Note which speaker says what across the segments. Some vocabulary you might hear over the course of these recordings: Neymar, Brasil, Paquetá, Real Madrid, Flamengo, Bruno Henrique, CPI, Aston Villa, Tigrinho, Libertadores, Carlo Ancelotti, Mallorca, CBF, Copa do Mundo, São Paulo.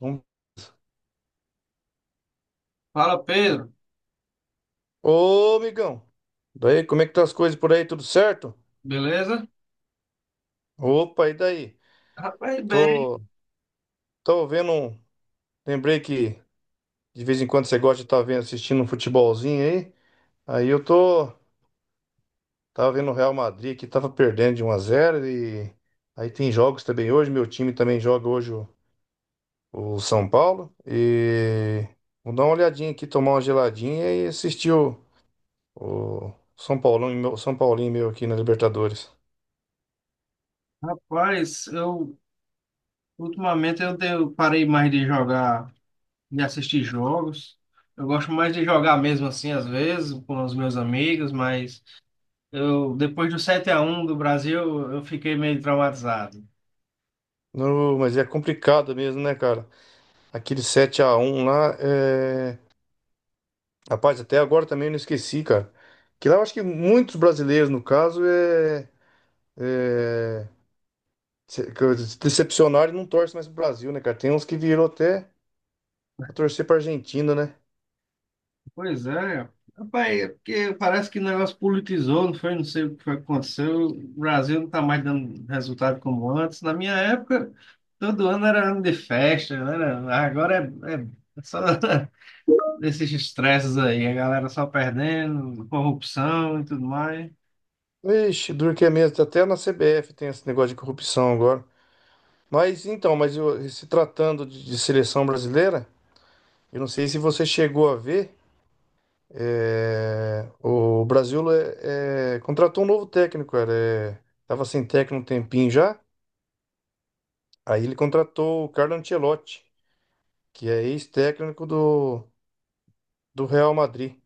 Speaker 1: Vamos-
Speaker 2: Fala, Pedro.
Speaker 1: Ô, amigão. Daí, como é que tá as coisas por aí? Tudo certo?
Speaker 2: Beleza?
Speaker 1: Opa, e daí?
Speaker 2: Rapaz, bem.
Speaker 1: Tô, tô vendo. Lembrei que de vez em quando você gosta de estar vendo, assistindo um futebolzinho aí. Aí eu tô. Tava vendo o Real Madrid que tava perdendo de um a zero e aí tem jogos também hoje. Meu time também joga hoje o São Paulo. E vou dar uma olhadinha aqui, tomar uma geladinha e assistir o São Paulão, e São Paulinho meu aqui na Libertadores.
Speaker 2: Rapaz, eu ultimamente eu tenho- parei mais de jogar, de assistir jogos. Eu gosto mais de jogar mesmo assim, às vezes, com os meus amigos, mas eu depois do 7-1 do Brasil, eu fiquei meio traumatizado.
Speaker 1: Não, mas é complicado mesmo, né, cara? Aquele sete a um lá, rapaz, até agora também eu não esqueci, cara. Que lá eu acho que muitos brasileiros, no caso, é... se decepcionaram e não torcem mais pro Brasil, né, cara? Tem uns que virou até pra torcer pra Argentina, né?
Speaker 2: Pois é, rapaz, é porque parece que o negócio politizou, não foi? Não sei o que foi que aconteceu. O Brasil não está mais dando resultado como antes. Na minha época, todo ano era ano de festa, né? Agora é só esses estresses aí, a galera só perdendo, corrupção e tudo mais.
Speaker 1: Ixi, duro que é mesmo. Até na CBF tem esse negócio de corrupção agora. Mas então, se tratando de seleção brasileira, eu não sei se você chegou a ver. É, o Brasil contratou um novo técnico, cara. É, tava sem técnico um tempinho já. Aí ele contratou o Carlo Ancelotti, que é ex-técnico do Real Madrid.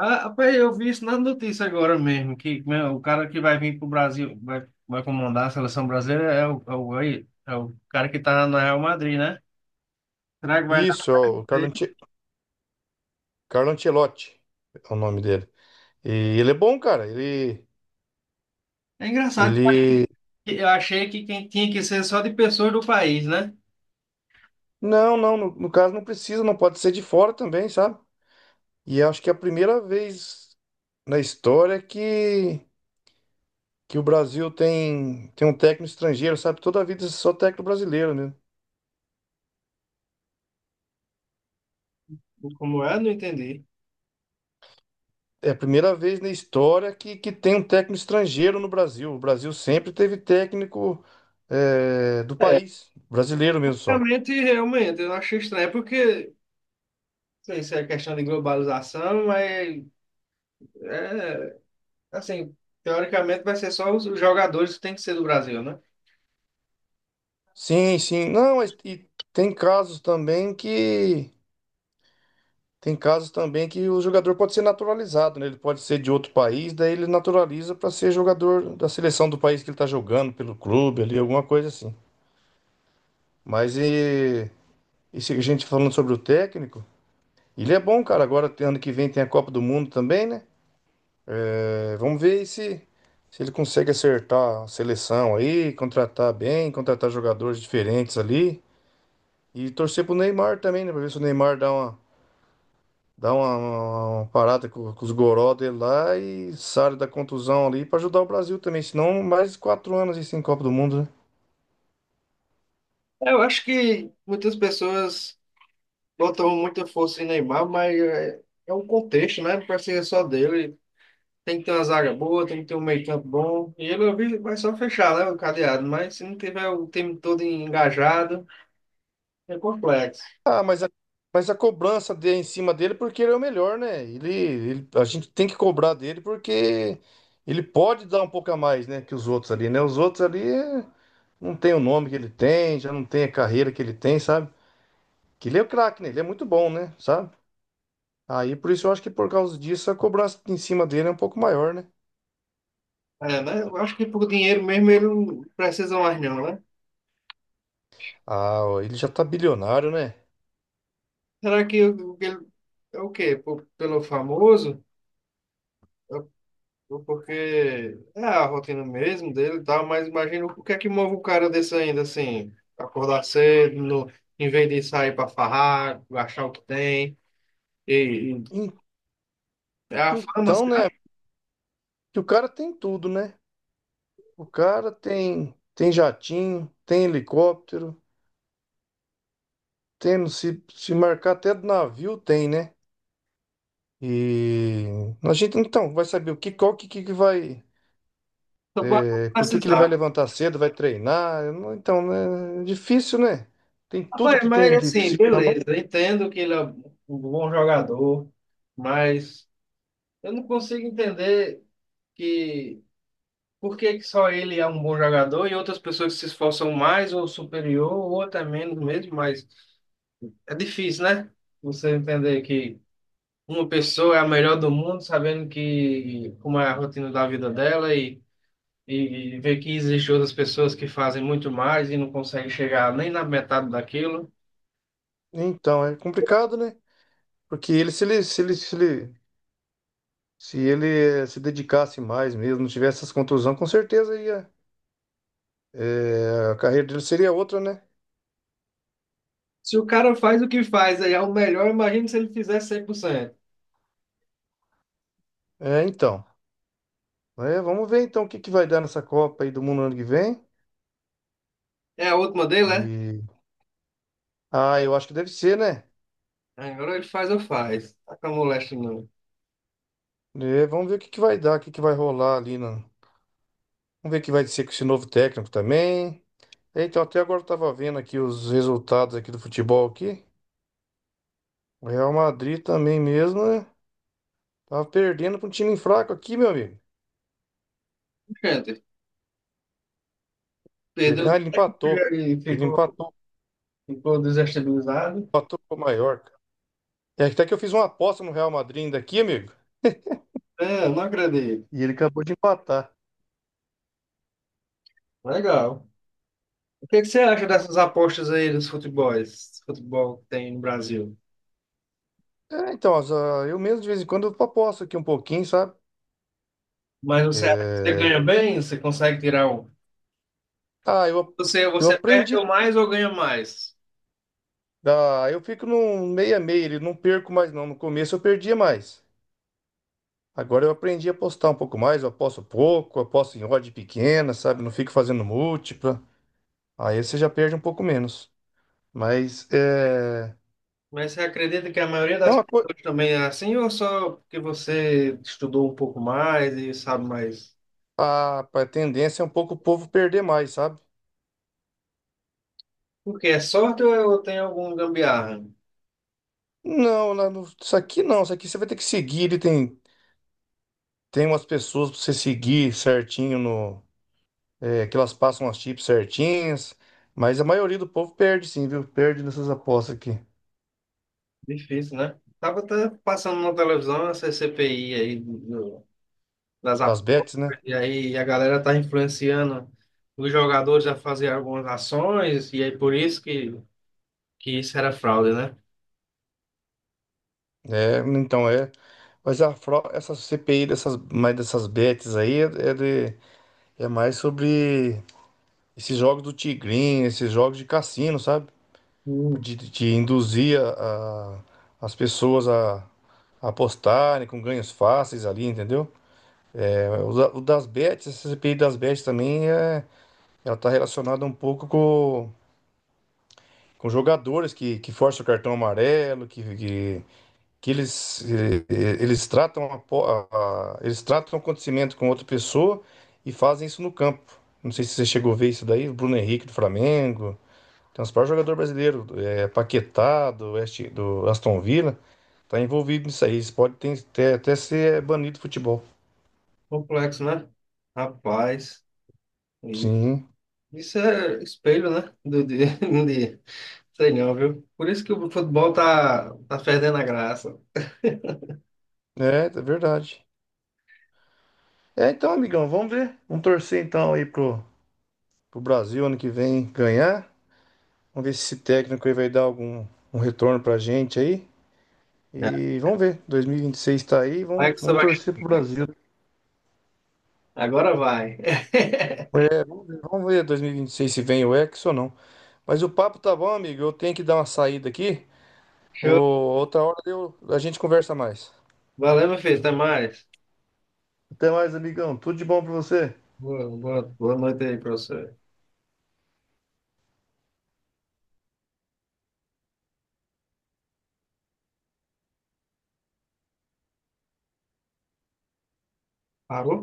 Speaker 2: Ah, rapaz, eu vi isso na notícia agora mesmo, que né, o cara que vai vir para o Brasil, vai comandar a seleção brasileira é o cara que está na Real Madrid, né? Será que vai dar
Speaker 1: Isso, é o
Speaker 2: isso aí?
Speaker 1: Carlo Ancelotti é o nome dele. E ele é bom, cara.
Speaker 2: É engraçado.
Speaker 1: Ele...
Speaker 2: Eu achei que quem tinha que ser só de pessoas do país, né?
Speaker 1: Não, no caso não precisa, não pode ser de fora também, sabe? E acho que é a primeira vez na história que o Brasil tem um técnico estrangeiro, sabe? Toda a vida só técnico brasileiro, né?
Speaker 2: Como é? Não entendi.
Speaker 1: É a primeira vez na história que tem um técnico estrangeiro no Brasil. O Brasil sempre teve técnico é, do
Speaker 2: É,
Speaker 1: país, brasileiro mesmo só.
Speaker 2: realmente, eu achei estranho, porque, não sei se é questão de globalização, mas, é, assim, teoricamente vai ser só os jogadores que tem que ser do Brasil, né?
Speaker 1: Sim, sim. Não, mas e tem casos também que. Tem casos também que o jogador pode ser naturalizado, né? Ele pode ser de outro país, daí ele naturaliza para ser jogador da seleção do país que ele tá jogando, pelo clube ali, alguma coisa assim. Mas e Esse, a gente tá falando sobre o técnico, ele é bom, cara. Agora, ano que vem tem a Copa do Mundo também, né? É, vamos ver aí se ele consegue acertar a seleção aí, contratar bem, contratar jogadores diferentes ali. E torcer pro Neymar também, né? Pra ver se o Neymar uma parada com os goró dele lá e sai da contusão ali pra ajudar o Brasil também. Senão, mais quatro anos aí sem Copa do Mundo, né?
Speaker 2: É, eu acho que muitas pessoas botam muita força em Neymar, mas é um contexto, né? Não pode ser só dele. Tem que ter uma zaga boa, tem que ter um meio-campo bom. E ele eu vi, vai só fechar, né, o cadeado, mas se não tiver o time todo engajado. É complexo.
Speaker 1: Ah, mas a, mas a cobrança de, em cima dele porque ele é o melhor, né? A gente tem que cobrar dele porque ele pode dar um pouco a mais, né, que os outros ali, né? Os outros ali não tem o nome que ele tem, já não tem a carreira que ele tem, sabe? Que ele é o craque, né? Ele é muito bom, né? Sabe? Aí por isso eu acho que por causa disso a cobrança em cima dele é um pouco maior, né?
Speaker 2: É, né? Eu acho que por dinheiro mesmo ele não precisa mais não, né?
Speaker 1: Ah, ó, ele já tá bilionário, né?
Speaker 2: Será que o que ele é o quê? Por- pelo famoso? Ou porque é a rotina mesmo dele e tal, mas imagina o que é que move um cara desse ainda assim, acordar cedo, no, em vez de sair pra farrar, achar o que tem. E
Speaker 1: En-
Speaker 2: é a fama,
Speaker 1: Então,
Speaker 2: cara.
Speaker 1: né?
Speaker 2: Acho
Speaker 1: Que o cara tem tudo, né? O cara tem tem jatinho, tem helicóptero. Tem, se marcar até do navio, tem, né? E a gente então vai saber o que, qual que vai.
Speaker 2: só vai
Speaker 1: É, por que que ele vai
Speaker 2: precisar.
Speaker 1: levantar cedo, vai treinar? Eu não- Então, né, é difícil, né? Tem tudo
Speaker 2: Rapaz,
Speaker 1: que
Speaker 2: mas
Speaker 1: tem que
Speaker 2: assim,
Speaker 1: precisa na mão.
Speaker 2: beleza, eu entendo que ele é um bom jogador, mas eu não consigo entender, que por que que só ele é um bom jogador e outras pessoas que se esforçam mais ou superior ou até menos mesmo, mas é difícil, né? Você entender que uma pessoa é a melhor do mundo, sabendo que como é a rotina da vida dela. E ver que existem outras pessoas que fazem muito mais e não conseguem chegar nem na metade daquilo.
Speaker 1: Então, é complicado, né? Porque ele, se ele, se ele, se ele, se ele eh, se dedicasse mais mesmo, não tivesse essas contusões, com certeza ia. A carreira dele seria outra, né?
Speaker 2: Se o cara faz o que faz, aí é o melhor, imagina se ele fizer 100%.
Speaker 1: É, então. É, vamos ver então o que que vai dar nessa Copa aí do Mundo ano que vem.
Speaker 2: É a última dele, né?
Speaker 1: Ah, eu acho que deve ser, né?
Speaker 2: Agora ele faz ou faz. Tá com a moléstia não.
Speaker 1: É, vamos ver o que que vai dar, o que que vai rolar ali. No... Vamos ver o que vai ser com esse novo técnico também. É, então, até agora eu tava vendo aqui os resultados aqui do futebol aqui. O Real Madrid também mesmo, né? Tava perdendo para um time fraco aqui, meu amigo.
Speaker 2: Gente,
Speaker 1: Perdão,
Speaker 2: Pedro,
Speaker 1: ele empatou.
Speaker 2: e
Speaker 1: Ele
Speaker 2: ficou,
Speaker 1: empatou,
Speaker 2: ficou desestabilizado.
Speaker 1: empatou com o Mallorca. É até que eu fiz uma aposta no Real Madrid ainda aqui, amigo.
Speaker 2: É, não acredito.
Speaker 1: E ele acabou de empatar.
Speaker 2: Legal. O que é que você acha dessas apostas aí dos futebols, futebol que tem no Brasil?
Speaker 1: É, então, eu mesmo de vez em quando eu aposto aqui um pouquinho, sabe?
Speaker 2: Mas você acha que você ganha
Speaker 1: É,
Speaker 2: bem? Você consegue tirar um?
Speaker 1: Ah, eu,
Speaker 2: Você,
Speaker 1: eu
Speaker 2: você perde
Speaker 1: aprendi
Speaker 2: ou mais ou ganha mais?
Speaker 1: Eu fico no meio a meio, ele não perco mais não. No começo eu perdia mais. Agora eu aprendi a apostar um pouco mais, eu aposto pouco, eu aposto em odd pequena, sabe? Não fico fazendo múltipla. Aí você já perde um pouco menos. Mas é,
Speaker 2: Mas você acredita que a maioria
Speaker 1: é
Speaker 2: das
Speaker 1: uma coisa.
Speaker 2: pessoas também é assim ou só porque você estudou um pouco mais e sabe mais?
Speaker 1: A tendência é um pouco o povo perder mais, sabe?
Speaker 2: Porque é sorte ou é- ou tem algum gambiarra?
Speaker 1: Não, lá no- isso aqui não, isso aqui você vai ter que seguir. Ele tem, tem umas pessoas pra você seguir certinho no. é, que elas passam as chips certinhas. Mas a maioria do povo perde sim, viu? Perde nessas apostas aqui.
Speaker 2: Difícil, né? Tava até passando na televisão essa CPI aí das
Speaker 1: Das
Speaker 2: apostas,
Speaker 1: bets, né?
Speaker 2: e aí a galera tá influenciando os jogadores a fazer algumas ações, e aí por isso que isso era fraude, né?
Speaker 1: É, então é. Mas a essa CPI dessas, mais dessas bets aí é mais sobre esses jogos do Tigrinho, esses jogos de cassino, sabe?
Speaker 2: Hum,
Speaker 1: De induzir as pessoas a apostarem com ganhos fáceis ali, entendeu? É, o das bets, essa CPI das bets também é, ela tá relacionada um pouco com jogadores que forçam o cartão amarelo, que eles, eles tratam a, po- a- eles tratam o acontecimento com outra pessoa e fazem isso no campo. Não sei se você chegou a ver isso daí, o Bruno Henrique do Flamengo, tem uns vários jogador brasileiro, é, Paquetá do, West, do Aston Villa, tá envolvido nisso aí. Isso pode até ser banido do futebol.
Speaker 2: Complexo, né? Rapaz, e
Speaker 1: Sim,
Speaker 2: isso é espelho, né? Do, de, de, sei não, viu? Por isso que o futebol tá perdendo a graça.
Speaker 1: é, é verdade. É, então, amigão, vamos ver. Vamos torcer então pro Brasil ano que vem ganhar. Vamos ver se esse técnico aí vai dar algum um retorno pra gente aí.
Speaker 2: É.
Speaker 1: E vamos ver, 2026 tá aí,
Speaker 2: Vai que você
Speaker 1: vamos
Speaker 2: vai.
Speaker 1: torcer pro Brasil.
Speaker 2: Agora vai.
Speaker 1: É, vamos ver 2026 se vem o Hexa ou não. Mas o papo tá bom, amigo. Eu tenho que dar uma saída aqui.
Speaker 2: Show.
Speaker 1: A gente conversa mais.
Speaker 2: Valeu, meu filho. Até mais.
Speaker 1: Até mais, amigão. Tudo de bom pra você.
Speaker 2: Boa, boa, boa noite aí para você. Parou?